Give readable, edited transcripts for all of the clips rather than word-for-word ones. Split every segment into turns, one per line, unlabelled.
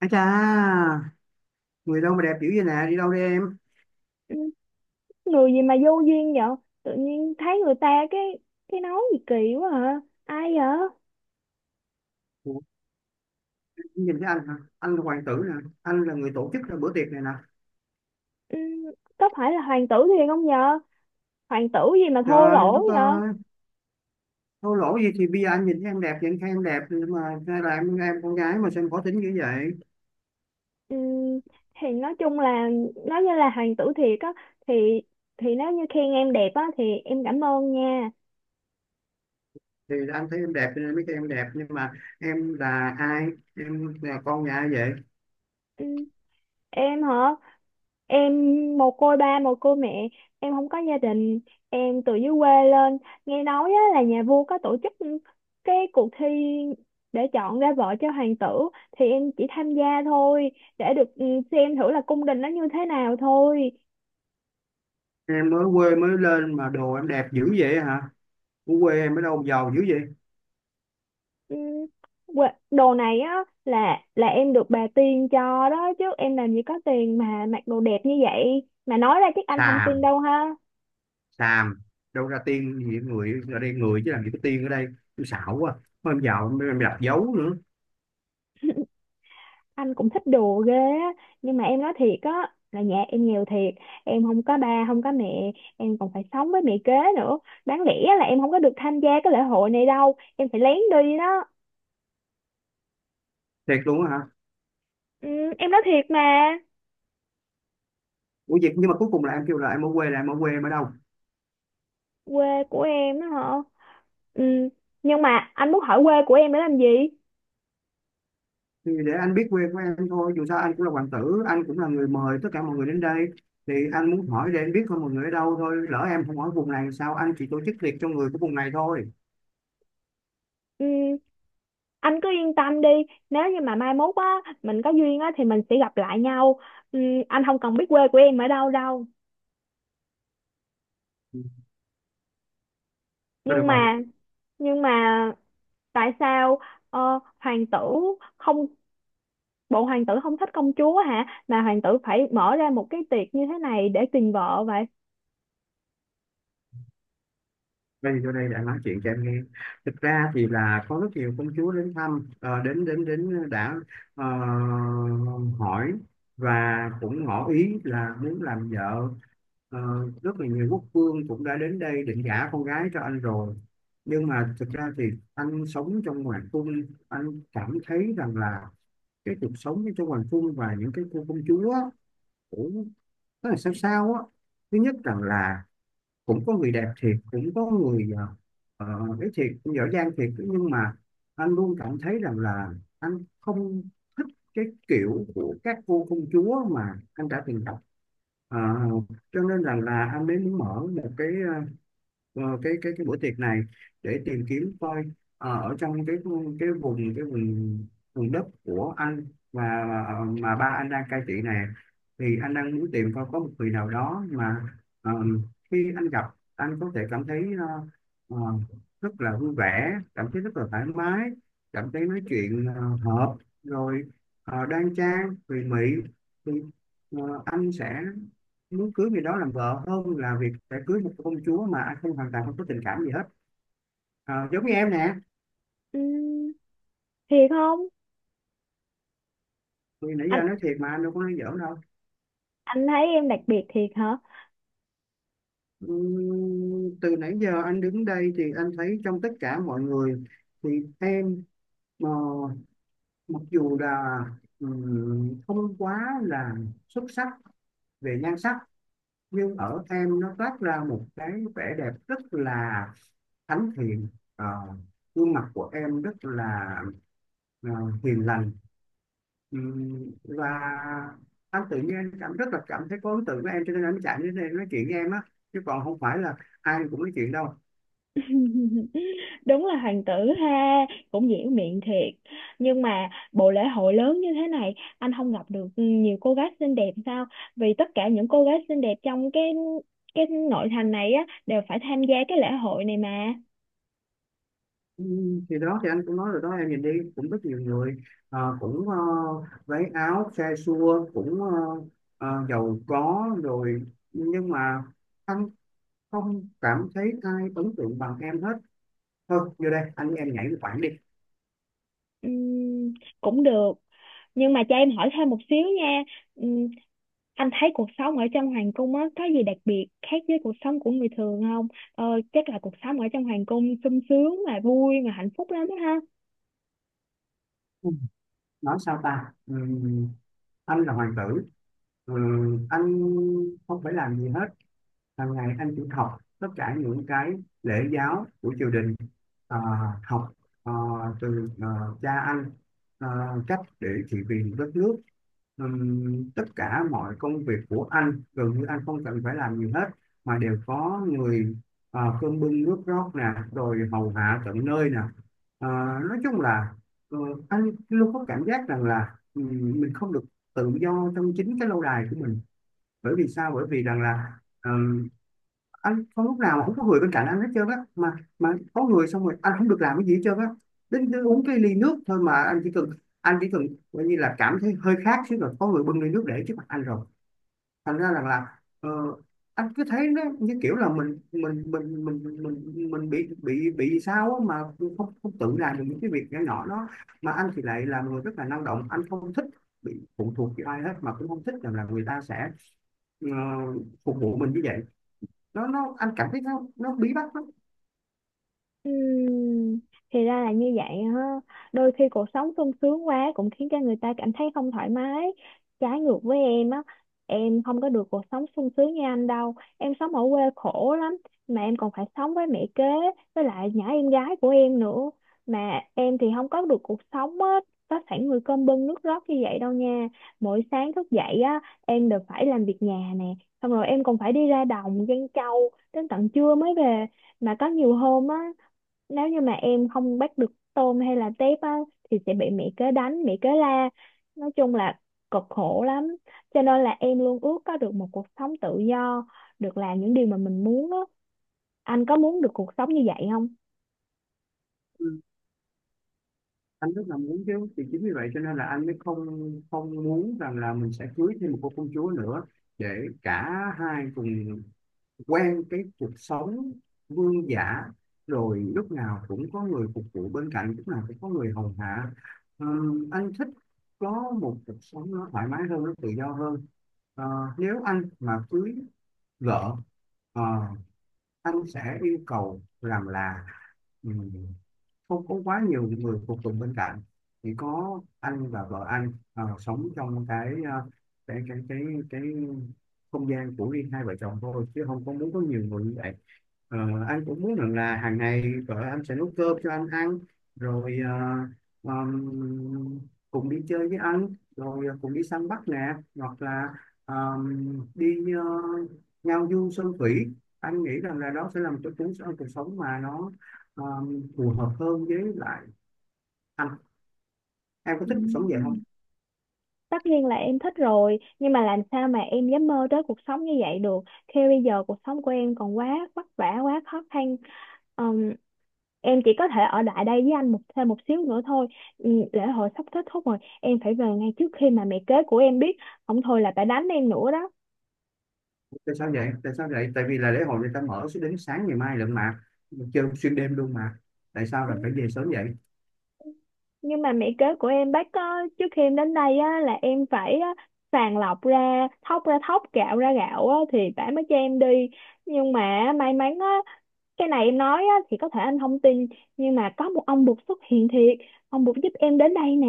À cha, người đâu mà đẹp dữ vậy nè, đi đâu đi em?
Ừ, người gì mà vô duyên vậy. Tự nhiên thấy người ta cái nói gì kỳ quá, hả? Ai vậy?
Ủa, em nhìn thấy anh hả? Anh là hoàng tử nè, anh là người tổ chức ra bữa tiệc này nè.
Ừ, có phải là hoàng tử thiền không nhờ? Hoàng tử gì mà
Trời
thô
ơi,
lỗ
đất
vậy?
ơi, thô lỗ gì thì bây giờ anh nhìn thấy em đẹp, vậy anh khen em đẹp, nhưng mà hay là em con gái mà sao em khó tính như vậy?
Ừ, thì nói chung là nói như là hoàng tử thiệt á, thì thì nếu như khen em đẹp á thì em cảm ơn nha.
Thì anh thấy em đẹp cho nên mới khen em đẹp, nhưng mà em là ai? Em là con nhà ai vậy?
Ừ, em hả? Em mồ côi ba mồ côi mẹ, em không có gia đình, em từ dưới quê lên. Nghe nói á, là nhà vua có tổ chức cái cuộc thi để chọn ra vợ cho hoàng tử, thì em chỉ tham gia thôi, để được xem thử là cung đình nó như thế nào thôi.
Em mới quê mới lên mà đồ em đẹp dữ vậy hả? Ở quê em ở đâu mà giàu dữ vậy?
Ừ, đồ này á là em được bà tiên cho đó, chứ em làm gì có tiền mà mặc đồ đẹp như vậy, mà nói ra chắc anh không tin
Xàm,
đâu ha.
xàm, đâu ra tiên gì, người ở đây người chứ làm gì có tiên ở đây. Tôi xạo quá, mới em vào mới em đặt dấu nữa.
Anh cũng thích đùa ghê á, nhưng mà em nói thiệt á là nhà em nghèo thiệt, em không có ba không có mẹ, em còn phải sống với mẹ kế nữa. Đáng lẽ là em không có được tham gia cái lễ hội này đâu, em phải lén đi đó.
Thiệt luôn á hả?
Ừ, em nói thiệt mà.
Ủa vậy nhưng mà cuối cùng là em kêu là em ở quê, là em ở quê em ở đâu?
Quê của em á hả? Ừ, nhưng mà anh muốn hỏi quê của em để làm gì?
Thì để anh biết quê của em thôi, dù sao anh cũng là hoàng tử, anh cũng là người mời tất cả mọi người đến đây. Thì anh muốn hỏi để anh biết thôi mọi người ở đâu thôi, lỡ em không hỏi vùng này sao, anh chỉ tổ chức tiệc cho người của vùng này thôi.
Ừ, anh cứ yên tâm đi, nếu như mà mai mốt á mình có duyên á thì mình sẽ gặp lại nhau. Ừ, anh không cần biết quê của em ở đâu đâu.
Thôi được
nhưng
rồi,
mà nhưng mà tại sao ờ, hoàng tử không, bộ hoàng tử không thích công chúa hả, mà hoàng tử phải mở ra một cái tiệc như thế này để tìm vợ vậy?
đây thì vô đây đã, nói chuyện cho em nghe. Thực ra thì là có rất nhiều công chúa đến thăm, đến đến đến đã, ờ, hỏi, và cũng ngỏ ý là muốn làm vợ. Ờ, Rất là nhiều quốc vương cũng đã đến đây định gả con gái cho anh rồi, nhưng mà thực ra thì anh sống trong hoàng cung, anh cảm thấy rằng là cái cuộc sống trong hoàng cung và những cái cô công chúa á, cũng rất là sao sao á. Thứ nhất rằng là cũng có người đẹp thiệt, cũng có người ờ, ấy thiệt, cũng giỏi giang thiệt, nhưng mà anh luôn cảm thấy rằng là anh không thích cái kiểu của các vua công chúa mà anh đã từng đọc. Ờ, cho nên rằng là anh mới muốn mở một cái cái buổi tiệc này để tìm kiếm coi ở trong cái vùng vùng đất của anh, và mà ba anh đang cai trị này, thì anh đang muốn tìm coi có một người nào đó mà ờ, khi anh gặp, anh có thể cảm thấy ờ, rất là vui vẻ, cảm thấy rất là thoải mái, cảm thấy nói chuyện hợp rồi, đoan trang tùy mị, thì anh sẽ muốn cưới người đó làm vợ hơn là việc phải cưới một công chúa mà anh không hoàn toàn không có tình cảm gì hết. À, giống như em nè.
Ừm, thiệt không?
Thì nãy giờ
anh
nói thiệt mà, anh đâu có nói giỡn đâu.
anh thấy em đặc biệt thiệt hả?
Từ nãy giờ anh đứng đây thì anh thấy trong tất cả mọi người thì em ờ, mặc dù là không quá là xuất sắc về nhan sắc, nhưng ở em nó toát ra một cái vẻ đẹp rất là thánh thiện. Ờ, Gương mặt của em rất là ờ, hiền lành. Và anh tự nhiên anh cảm rất là cảm thấy có ấn tượng với em, cho nên anh mới chạy đến đây anh nói chuyện với em á, chứ còn không phải là ai cũng nói chuyện đâu.
Đúng là hoàng tử ha, cũng diễn miệng thiệt. Nhưng mà bộ lễ hội lớn như thế này anh không gặp được nhiều cô gái xinh đẹp sao? Vì tất cả những cô gái xinh đẹp trong cái nội thành này á đều phải tham gia cái lễ hội này mà.
Thì đó thì anh cũng nói rồi đó, em nhìn đi, cũng rất nhiều người cũng váy áo xe xua, cũng giàu có rồi, nhưng mà anh không cảm thấy ai ấn tượng bằng em hết. Thôi vô đây anh với em nhảy một khoảng đi.
Ừm, cũng được, nhưng mà cho em hỏi thêm một xíu nha. Ừm, anh thấy cuộc sống ở trong hoàng cung á có gì đặc biệt khác với cuộc sống của người thường không? Ờ, Chắc là cuộc sống ở trong hoàng cung sung sướng mà vui mà hạnh phúc lắm đó ha.
Ừ. Nói sao ta, anh là hoàng tử. Anh không phải làm gì hết, hàng ngày anh chỉ học tất cả những cái lễ giáo của triều đình, à, học à, từ cha anh à, cách để trị vì đất nước. Tất cả mọi công việc của anh gần như anh không cần phải làm gì hết, mà đều có người, cơm bưng nước rót nè, rồi hầu hạ tận nơi nè. à, nói chung là ờ, anh luôn có cảm giác rằng là mình không được tự do trong chính cái lâu đài của mình. Bởi vì sao? Bởi vì rằng là um, anh không lúc nào không có người bên cạnh anh hết trơn á mà có người xong rồi anh không được làm cái gì hết trơn á. Đến, đến uống cái ly nước thôi, mà anh chỉ cần coi như là cảm thấy hơi khát chứ, rồi có người bưng ly nước để trước mặt anh rồi. Thành ra rằng là anh cứ thấy nó như kiểu là mình bị sao á mà, không không tự làm được những cái việc nhỏ nhỏ đó. Mà anh thì lại là người rất là năng động, anh không thích bị phụ thuộc vào ai hết, mà cũng không thích rằng là người ta sẽ ờ, phục vụ mình như vậy. Nó, anh cảm thấy nó bí bách lắm.
Ừm, thì ra là như vậy ha. Đôi khi cuộc sống sung sướng quá cũng khiến cho người ta cảm thấy không thoải mái. Trái ngược với em á, em không có được cuộc sống sung sướng như anh đâu. Em sống ở quê khổ lắm, mà em còn phải sống với mẹ kế, với lại nhỏ em gái của em nữa. Mà em thì không có được cuộc sống á, có sẵn người cơm bưng nước rót như vậy đâu nha. Mỗi sáng thức dậy á, em đều phải làm việc nhà nè. Xong rồi em còn phải đi ra đồng giăng trâu đến tận trưa mới về, mà có nhiều hôm á, nếu như mà em không bắt được tôm hay là tép á thì sẽ bị mẹ kế đánh mẹ kế la. Nói chung là cực khổ lắm, cho nên là em luôn ước có được một cuộc sống tự do, được làm những điều mà mình muốn á. Anh có muốn được cuộc sống như vậy không?
Ừ. Anh rất là muốn chứ, thì chính vì vậy cho nên là anh mới không không muốn rằng là mình sẽ cưới thêm một cô công chúa nữa, để cả hai cùng quen cái cuộc sống vương giả, rồi lúc nào cũng có người phục vụ bên cạnh, lúc nào cũng có người hầu hạ. Ờ, anh thích có một cuộc sống nó thoải mái hơn, nó tự do hơn. Ờ, Nếu anh mà cưới vợ, ờ, anh sẽ yêu cầu rằng là ừ, không có quá nhiều người phục tùng bên cạnh, chỉ có anh và vợ anh sống trong cái cái cái cái không gian của riêng hai vợ chồng thôi, chứ không có muốn có nhiều người như vậy. Ờ, anh cũng muốn rằng là hàng ngày vợ anh sẽ nấu cơm cho anh ăn, rồi ờm, cùng đi chơi với anh, rồi cùng đi săn bắt nè, hoặc là ờm, đi ngao du sơn thủy. Anh nghĩ rằng là đó sẽ là một cái cuộc sống mà nó ờ, phù hợp hơn với lại anh. Em có
Ừ.
thích cuộc sống vậy không?
Tất nhiên là em thích rồi, nhưng mà làm sao mà em dám mơ tới cuộc sống như vậy được, khi bây giờ cuộc sống của em còn quá vất vả quá khó khăn. Em chỉ có thể ở lại đây với anh một thêm một xíu nữa thôi. Ừ, lễ hội sắp kết thúc rồi, em phải về ngay trước khi mà mẹ kế của em biết, không thôi là phải đánh em nữa đó.
Tại sao vậy? Tại vì là lễ hội người ta mở sẽ đến sáng ngày mai lận mà, chơi xuyên đêm luôn mà, tại sao
Ừ,
là phải về sớm vậy?
nhưng mà mẹ kế của em bác có, trước khi em đến đây á, là em phải á, sàng lọc ra thóc gạo ra gạo á, thì bà mới cho em đi. Nhưng mà may mắn á, cái này em nói á, thì có thể anh không tin, nhưng mà có một ông bụt xuất hiện thiệt, ông bụt giúp em đến đây nè,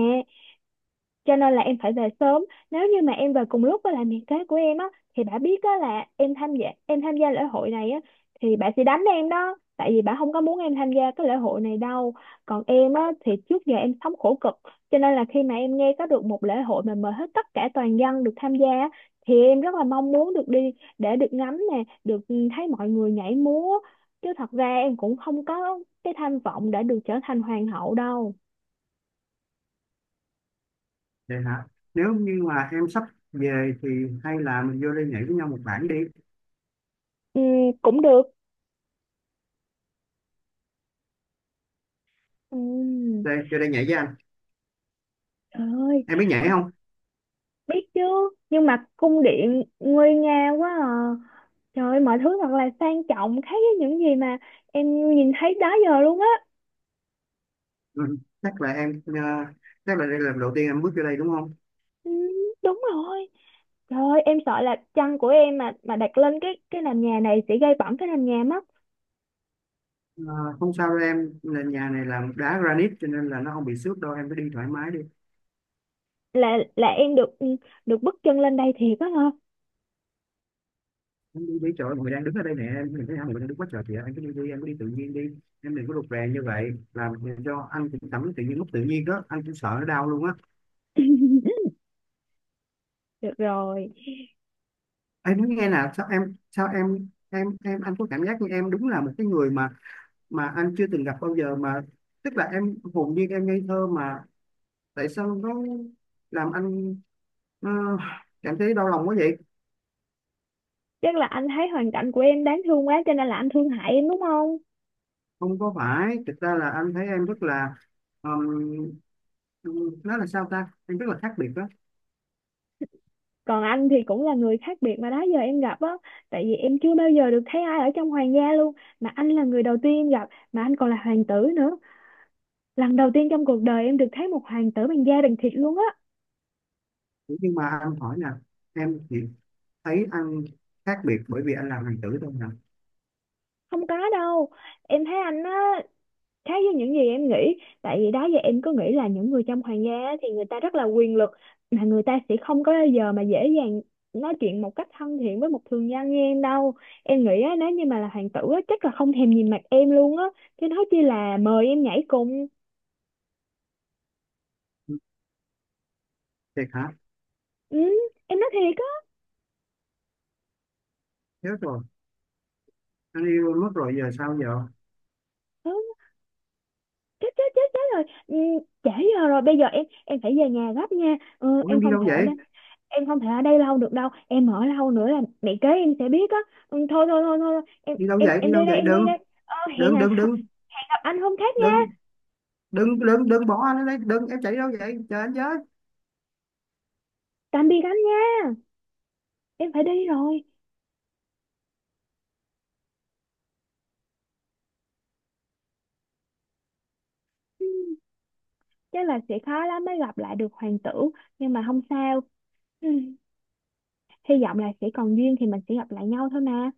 cho nên là em phải về sớm. Nếu như mà em về cùng lúc với lại mẹ kế của em á, thì bà biết á là em tham gia lễ hội này á, thì bà sẽ đánh em đó, tại vì bà không có muốn em tham gia cái lễ hội này đâu. Còn em á thì trước giờ em sống khổ cực, cho nên là khi mà em nghe có được một lễ hội mà mời hết tất cả toàn dân được tham gia á, thì em rất là mong muốn được đi, để được ngắm nè, được thấy mọi người nhảy múa, chứ thật ra em cũng không có cái tham vọng để được trở thành hoàng hậu đâu.
Vậy hả? Nếu như mà em sắp về thì hay là mình vô đây nhảy với nhau một bản đi.
Ừ, cũng được. Ừ.
Đây, vô đây nhảy với anh.
Trời ơi,
Em biết nhảy
con
không?
biết chứ. Nhưng mà cung điện nguy nga quá à. Trời ơi, mọi thứ thật là sang trọng, khác với những gì mà em nhìn thấy đó giờ luôn á.
Ừ. Chắc là em chắc là đây là lần đầu tiên em bước vô đây đúng không?
Ừ, đúng rồi. Trời ơi, em sợ là chăn của em mà đặt lên cái nền nhà này sẽ gây bẩn cái nền nhà mất.
Ờ, không sao đâu em, là nhà này làm đá granite cho nên là nó không bị xước đâu, em cứ đi thoải mái đi.
Là em được được bước chân lên đây thiệt á hả?
Em đi đi, trời ơi, mọi người đang đứng ở đây nè, em nhìn thấy hai người đang đứng quá trời kìa, anh cứ đi đi, em cứ đi tự nhiên đi. Em đừng có rụt rè như vậy làm cho anh cũng cảm tự nhiên, lúc tự nhiên đó anh cũng sợ nó đau luôn á.
Được rồi.
Em nói nghe nè, sao em em anh có cảm giác như em đúng là một cái người mà anh chưa từng gặp bao giờ mà, tức là em hồn nhiên em ngây thơ mà, tại sao nó làm anh ờ, cảm thấy đau lòng quá vậy?
Chắc là anh thấy hoàn cảnh của em đáng thương quá, cho nên là anh thương hại em đúng không?
Không có phải, thực ra là anh thấy em rất là ờm, nó là sao ta, em rất là khác biệt đó.
Còn anh thì cũng là người khác biệt mà đó giờ em gặp á, tại vì em chưa bao giờ được thấy ai ở trong hoàng gia luôn, mà anh là người đầu tiên em gặp, mà anh còn là hoàng tử nữa. Lần đầu tiên trong cuộc đời em được thấy một hoàng tử bằng da bằng thịt luôn á.
Nhưng mà anh hỏi nè, em chỉ thấy anh khác biệt bởi vì anh làm hoàng tử thôi nè?
Không có đâu, em thấy anh á, khác với những gì em nghĩ, tại vì đó giờ em cứ nghĩ là những người trong hoàng gia á thì người ta rất là quyền lực, mà người ta sẽ không có bao giờ mà dễ dàng nói chuyện một cách thân thiện với một thường dân như em đâu. Em nghĩ á, nếu như mà là hoàng tử á, chắc là không thèm nhìn mặt em luôn á, chứ nói chi là mời em nhảy cùng.
Thiệt hả?
Ừ, em nói thiệt á.
Chết rồi, anh yêu mất rồi, giờ sao giờ?
Ừ, chết chết chết chết rồi, ừ, trễ giờ rồi, bây giờ em phải về nhà gấp nha, ừ,
Ủa em
em
đi
không
đâu
thể ở
vậy?
đây, em không thể ở đây lâu được đâu, em ở lâu nữa là mẹ kế em sẽ biết á. Ừ, thôi thôi thôi thôi, em
đi đâu
em
vậy
em
đi
đi
đâu
đây,
vậy
em đi
Đừng
đây. ờ, hẹn
đừng
à,
đừng đừng
Hẹn gặp anh hôm khác
đừng
nha.
đừng đừng đừng bỏ anh ở đây, đừng, em chạy đi đâu vậy, chờ anh với.
Tạm biệt anh nha, em phải đi rồi. Ừ, chắc là sẽ khó lắm mới gặp lại được hoàng tử, nhưng mà không sao. Ừ, hy vọng là sẽ còn duyên thì mình sẽ gặp lại nhau thôi mà.